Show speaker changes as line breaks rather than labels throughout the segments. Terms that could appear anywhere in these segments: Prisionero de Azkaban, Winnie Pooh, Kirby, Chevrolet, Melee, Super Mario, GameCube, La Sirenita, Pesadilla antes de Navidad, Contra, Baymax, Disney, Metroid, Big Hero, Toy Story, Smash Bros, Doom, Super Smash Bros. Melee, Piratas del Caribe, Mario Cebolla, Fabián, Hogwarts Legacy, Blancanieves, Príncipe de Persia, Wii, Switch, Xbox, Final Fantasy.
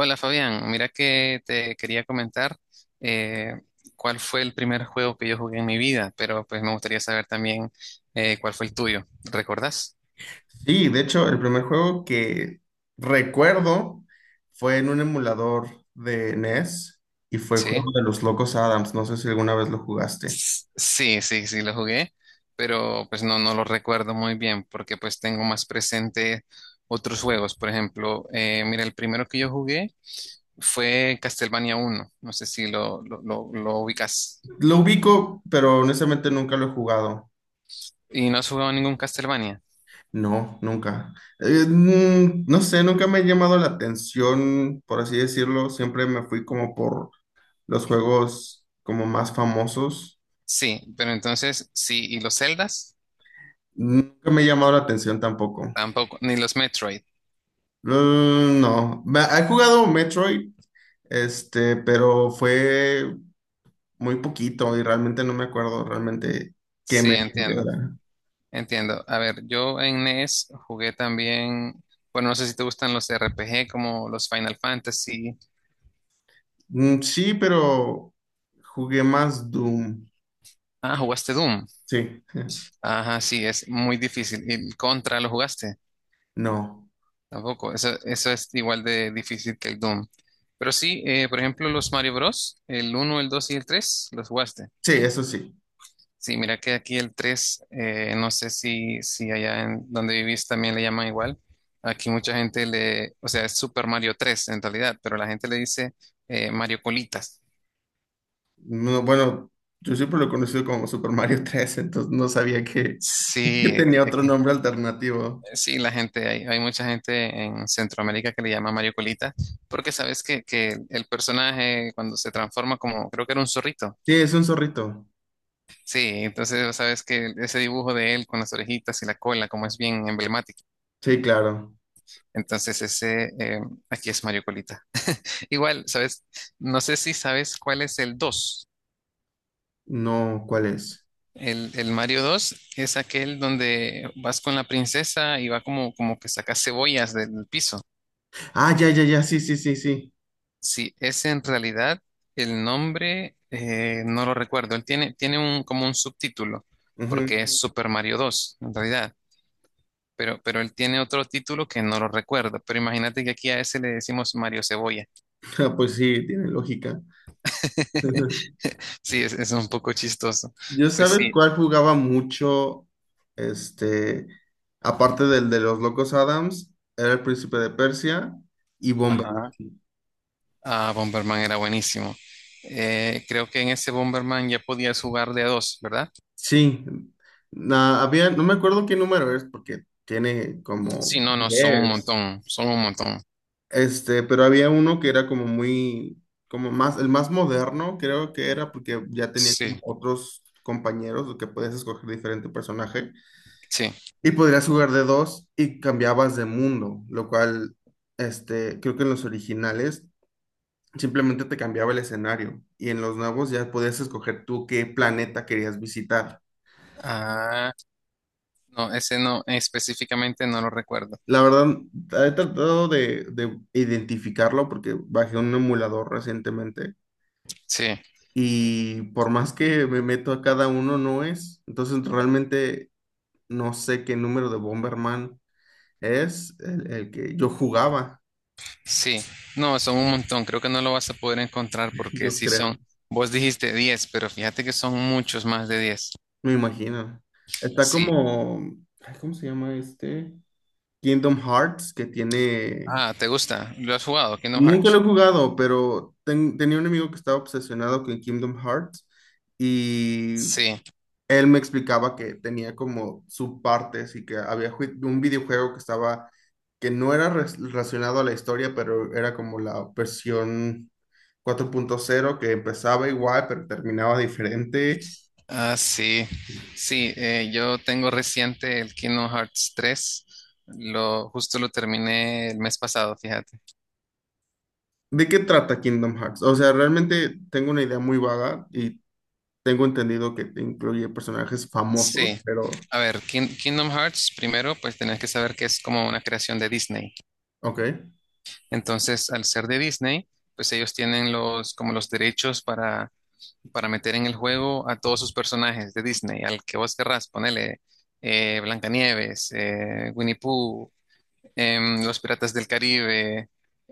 Hola Fabián, mira que te quería comentar eh, cuál fue el primer juego que yo jugué en mi vida, pero pues me gustaría saber también cuál fue el tuyo. ¿Recordás?
Sí, de hecho, el primer juego que recuerdo fue en un emulador de NES y fue el
Sí,
juego de los Locos Adams. No sé si alguna vez lo jugaste.
Sí, sí, sí lo jugué, pero pues no, no lo recuerdo muy bien porque pues tengo más presente otros juegos. Por ejemplo, mira, el primero que yo jugué fue Castlevania uno, no sé si lo ubicas.
Lo ubico, pero honestamente nunca lo he jugado.
¿Y no has jugado ningún Castlevania?
No, nunca. No sé, nunca me ha llamado la atención, por así decirlo. Siempre me fui como por los juegos como más famosos.
Sí, pero entonces, sí, ¿y los Zeldas?
Nunca me ha llamado la atención tampoco.
Tampoco, ni los Metroid.
Mm, no, he jugado Metroid. Este, pero fue muy poquito y realmente no me acuerdo realmente qué
Sí,
me
entiendo,
era.
entiendo. A ver, yo en NES jugué también, bueno, no sé si te gustan los RPG como los Final Fantasy.
Mm, sí, pero jugué más Doom.
Ah, jugaste Doom.
Sí,
Ajá, sí, es muy difícil. ¿Y el Contra lo jugaste?
no.
Tampoco, eso es igual de difícil que el Doom. Pero sí, por ejemplo, los Mario Bros, el uno el 2 y el 3 los jugaste.
Sí, eso sí.
Sí, mira que aquí el 3, no sé si allá en donde vivís también le llaman igual. Aquí mucha gente le, o sea, es Super Mario tres en realidad, pero la gente le dice Mario Colitas.
No, bueno, yo siempre lo he conocido como Super Mario tres, entonces no sabía que, que
Sí,
tenía otro nombre alternativo.
sí, la gente, hay mucha gente en Centroamérica que le llama Mario Colita, porque sabes que el personaje cuando se transforma como, creo que era un zorrito.
Sí, es un zorrito.
Sí, entonces sabes que ese dibujo de él con las orejitas y la cola, como es bien emblemático.
Sí, claro.
Entonces ese, aquí es Mario Colita. Igual, ¿sabes? No sé si sabes cuál es el dos.
No, ¿cuál es?
El Mario 2 es aquel donde vas con la princesa y va como que sacas cebollas del piso.
Ah, ya, ya, ya, sí, sí, sí, sí.
Sí, ese en realidad el nombre no lo recuerdo. Él tiene un, como un subtítulo,
Ujú.
porque es Super Mario dos en realidad. Pero él tiene otro título que no lo recuerdo. Pero imagínate que aquí a ese le decimos Mario Cebolla.
Ah, pues sí, tiene lógica.
Sí, es un poco chistoso.
Yo
Pues
sabes
sí.
cuál jugaba mucho, este, aparte del de los Locos Adams, era el Príncipe de Persia y Bomber.
Ajá. Ah, Bomberman era buenísimo. Creo que en ese Bomberman ya podías jugar de a dos, ¿verdad?
Sí, había, no me acuerdo qué número es porque tiene
Sí,
como
no, no, son un
10.
montón, son un montón.
Este, pero había uno que era como muy, como más, el más moderno, creo que era porque ya tenía como
Sí,
otros compañeros que podías escoger diferente personaje.
sí.
Y podrías jugar de dos y cambiabas de mundo, lo cual, este, creo que en los originales simplemente te cambiaba el escenario y en los nuevos ya podías escoger tú qué planeta querías visitar.
Ah, no, ese no, específicamente no lo recuerdo.
La verdad, he tratado de identificarlo porque bajé un emulador recientemente
Sí,
y por más que me meto a cada uno no es. Entonces realmente no sé qué número de Bomberman es el que yo jugaba,
sí. No, son un montón. Creo que no lo vas a poder encontrar porque
yo
sí son.
creo.
Vos dijiste 10, pero fíjate que son muchos más de 10.
Me imagino. Está
Sí.
como, ay, ¿cómo se llama este? Kingdom Hearts, que tiene.
Ah, ¿te gusta? ¿Lo has jugado? Kingdom
Nunca lo he
Hearts.
jugado, pero tenía un amigo que estaba obsesionado con Kingdom Hearts y
Sí.
él me explicaba que tenía como subpartes y que había un videojuego que estaba, que no era relacionado a la historia, pero era como la versión 4.0, que empezaba igual pero terminaba diferente.
Ah, sí, sí, yo tengo reciente el Kingdom Hearts 3, justo lo terminé el mes pasado, fíjate.
¿De qué trata Kingdom Hearts? O sea, realmente tengo una idea muy vaga y tengo entendido que te incluye personajes famosos,
Sí,
pero.
a ver, Kingdom Hearts, primero, pues tenés que saber que es como una creación de Disney.
Ok.
Entonces, al ser de Disney, pues ellos tienen como los derechos para meter en el juego a todos sus personajes de Disney, al que vos querrás, ponele Blancanieves, Winnie Pooh, los Piratas del Caribe,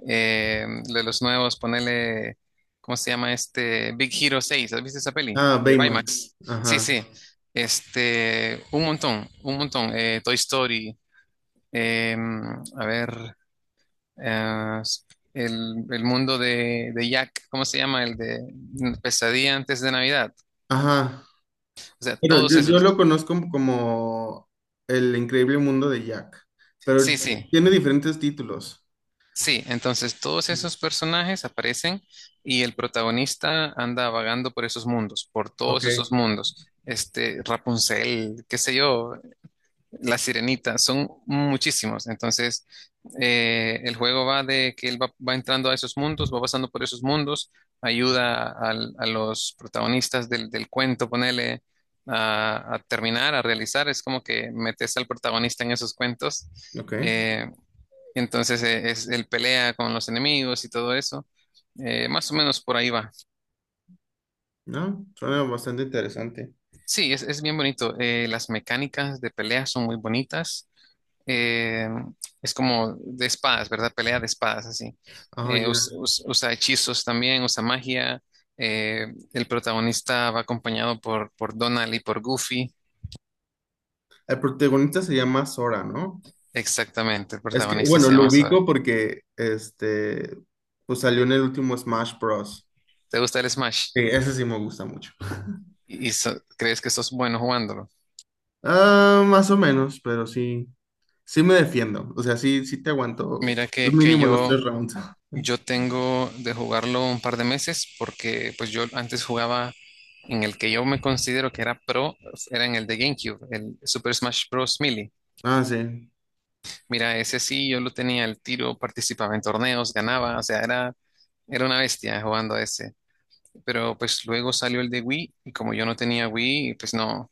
de los nuevos, ponele, ¿cómo se llama este? Big Hero seis, ¿has visto esa peli?
Ah,
De
Baymax.
Baymax. Sí,
Ajá.
sí, este, un montón, Toy Story, em, a ver, eh, el mundo de Jack, ¿cómo se llama? El de Pesadilla antes de Navidad,
Ajá.
o sea,
Pero
todos
yo
esos,
lo conozco como El Increíble Mundo de Jack, pero
sí, sí,
tiene diferentes títulos.
sí, entonces todos esos personajes aparecen y el protagonista anda vagando por esos mundos, por
Ok.
todos esos mundos. Este, Rapunzel, qué sé yo, La Sirenita, son muchísimos. Entonces, el juego va de que él va, va entrando a esos mundos, va pasando por esos mundos, ayuda a los protagonistas del, del cuento, ponele a terminar, a realizar. Es como que metes al protagonista en esos cuentos.
Ok.
eh, entonces, el pelea con los enemigos y todo eso. Más o menos por ahí va.
No, suena bastante interesante.
Sí, es bien bonito. Las mecánicas de pelea son muy bonitas. Eh, es como de espadas, ¿verdad? Pelea de espadas, así.
Ah, ya.
Usa hechizos también, usa magia. Eh, el protagonista va acompañado por Donald y por Goofy.
El protagonista se llama Sora, ¿no?
Exactamente, el
Es que,
protagonista
bueno,
se
lo
llama Sora.
ubico porque, este, pues salió en el último Smash Bros.
¿Te gusta el Smash?
Sí, ese sí me gusta mucho.
¿Y crees que sos bueno jugándolo?
Ah, más o menos, pero sí, sí me defiendo. O sea, sí, sí te aguanto
Mira que
mínimo los
yo.
3 rounds.
Yo tengo de jugarlo un par de meses porque pues yo antes jugaba en el que yo me considero que era pro, era en el de GameCube, el Super Smash Bros. Melee.
Ah, sí,
Mira, ese sí, yo lo tenía al tiro, participaba en torneos, ganaba, o sea, era una bestia jugando a ese. Pero pues luego salió el de Wii y como yo no tenía Wii, pues no,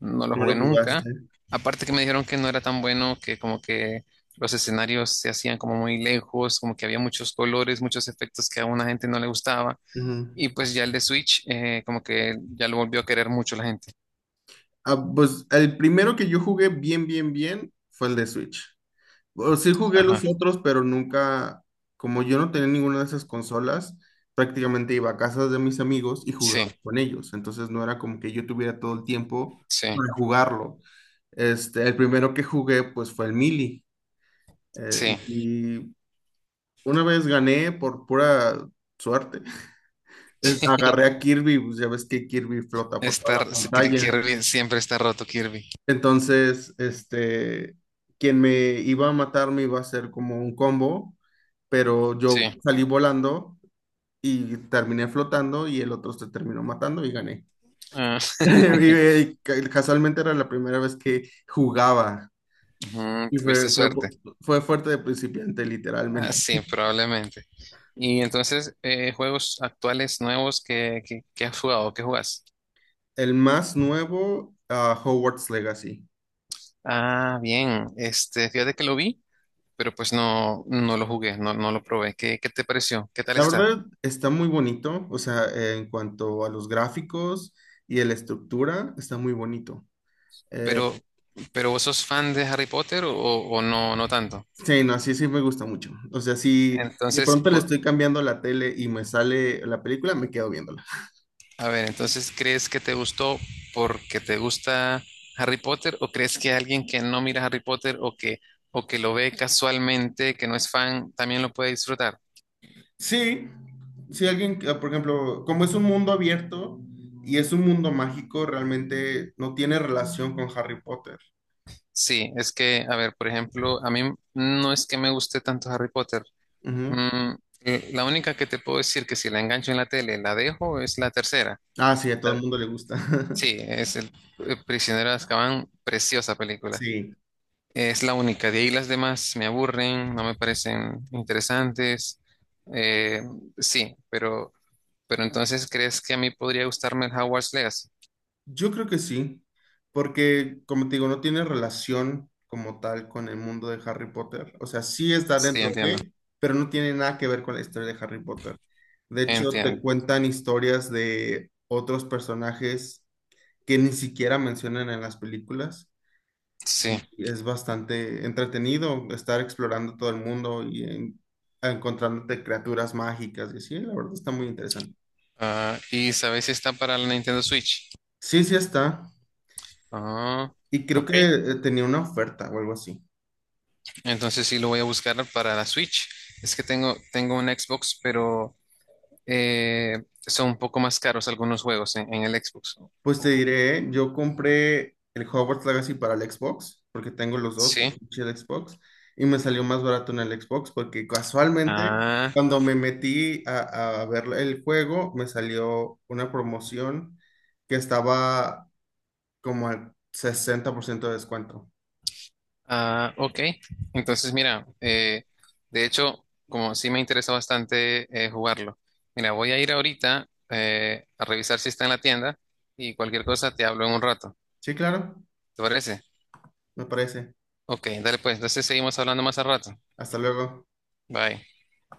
no lo
no lo
jugué nunca.
jugaste.
Aparte que me dijeron que no era tan bueno, que como que los escenarios se hacían como muy lejos, como que había muchos colores, muchos efectos que a una gente no le gustaba.
Ujú.
Y pues ya el de Switch, como que ya lo volvió a querer mucho la gente.
Ah, pues el primero que yo jugué bien, bien, bien fue el de Switch. O sí jugué
Ajá.
los otros, pero nunca, como yo no tenía ninguna de esas consolas, prácticamente iba a casas de mis amigos y jugaba
Sí,
con ellos. Entonces no era como que yo tuviera todo el tiempo
sí,
para jugarlo. Este, el primero que jugué, pues fue el Melee. Eh,
sí.
y una vez gané por pura suerte. Agarré a Kirby, pues ya ves que Kirby flota por toda
Está,
la pantalla.
Kirby siempre está roto, Kirby.
Entonces, este, quien me iba a matar me iba a hacer como un combo, pero
Sí.
yo salí volando y terminé flotando y el otro se terminó matando y gané.
Ah,
Y, casualmente era la primera vez que jugaba
ujú,
y fue,
tuviste
fue,
suerte.
fue fuerte de principiante,
Ah,
literalmente.
sí, probablemente. Y entonces, juegos actuales nuevos que has jugado, ¿qué jugas?
El más nuevo, ah, Hogwarts Legacy.
Ah, bien. Este, fíjate que lo vi, pero pues no, no lo jugué, no, no lo probé. ¿Qué te pareció? ¿Qué tal
La
está?
verdad está muy bonito, o sea, en cuanto a los gráficos y a la estructura, está muy bonito. Eh,
Pero, pero ¿vos sos fan de Harry Potter o no, no tanto?
sí, no, sí, sí me gusta mucho. O sea, si de
Entonces,
pronto le estoy cambiando la tele y me sale la película, me quedo viéndola.
a ver, entonces, ¿crees que te gustó porque te gusta Harry Potter o crees que alguien que no mira Harry Potter o que lo ve casualmente, que no es fan, también lo puede disfrutar?
Sí, si alguien, que, por ejemplo, como es un mundo abierto y es un mundo mágico, realmente no tiene relación con Harry Potter.
Sí, es que, a ver, por ejemplo, a mí no es que me guste tanto Harry Potter.
Ujú.
Mm, la única que te puedo decir que si la engancho en la tele, la dejo, es la tercera.
Ah, sí, a todo el
La-
mundo le gusta.
Sí, es el Prisionero de Azkaban, preciosa película.
Sí.
Es la única. De ahí las demás me aburren, no me parecen interesantes. Eh, sí, pero entonces ¿crees que a mí podría gustarme el Hogwarts Legacy?
Yo creo que sí, porque como te digo, no tiene relación como tal con el mundo de Harry Potter. O sea, sí está
Sí,
dentro
entiendo.
de, pero no tiene nada que ver con la historia de Harry Potter. De hecho, te
Entiendo.
cuentan historias de otros personajes que ni siquiera mencionan en las películas.
Sí.
Y es bastante entretenido estar explorando todo el mundo y encontrándote criaturas mágicas y así. La verdad está muy interesante.
Ah, ¿y sabes si está para la Nintendo Switch?
Sí, sí está.
Ah,
Y creo que
ok.
tenía una oferta o algo así.
Entonces sí lo voy a buscar para la Switch. Es que tengo un Xbox, pero son un poco más caros algunos juegos en el Xbox.
Pues te diré, ¿eh? Yo compré el Hogwarts Legacy para el Xbox, porque tengo los dos, el
Sí.
Switch y el Xbox, y me salió más barato en el Xbox, porque casualmente
Ah,
cuando me metí a ver el juego, me salió una promoción que estaba como al 60% de descuento.
ah, ok. Entonces, mira, de hecho, como sí me interesa bastante jugarlo. Mira, voy a ir ahorita a revisar si está en la tienda y cualquier cosa te hablo en un rato.
Sí, claro,
¿Te parece?
me parece.
Ok, dale pues. Entonces seguimos hablando más al rato.
Hasta luego.
Bye.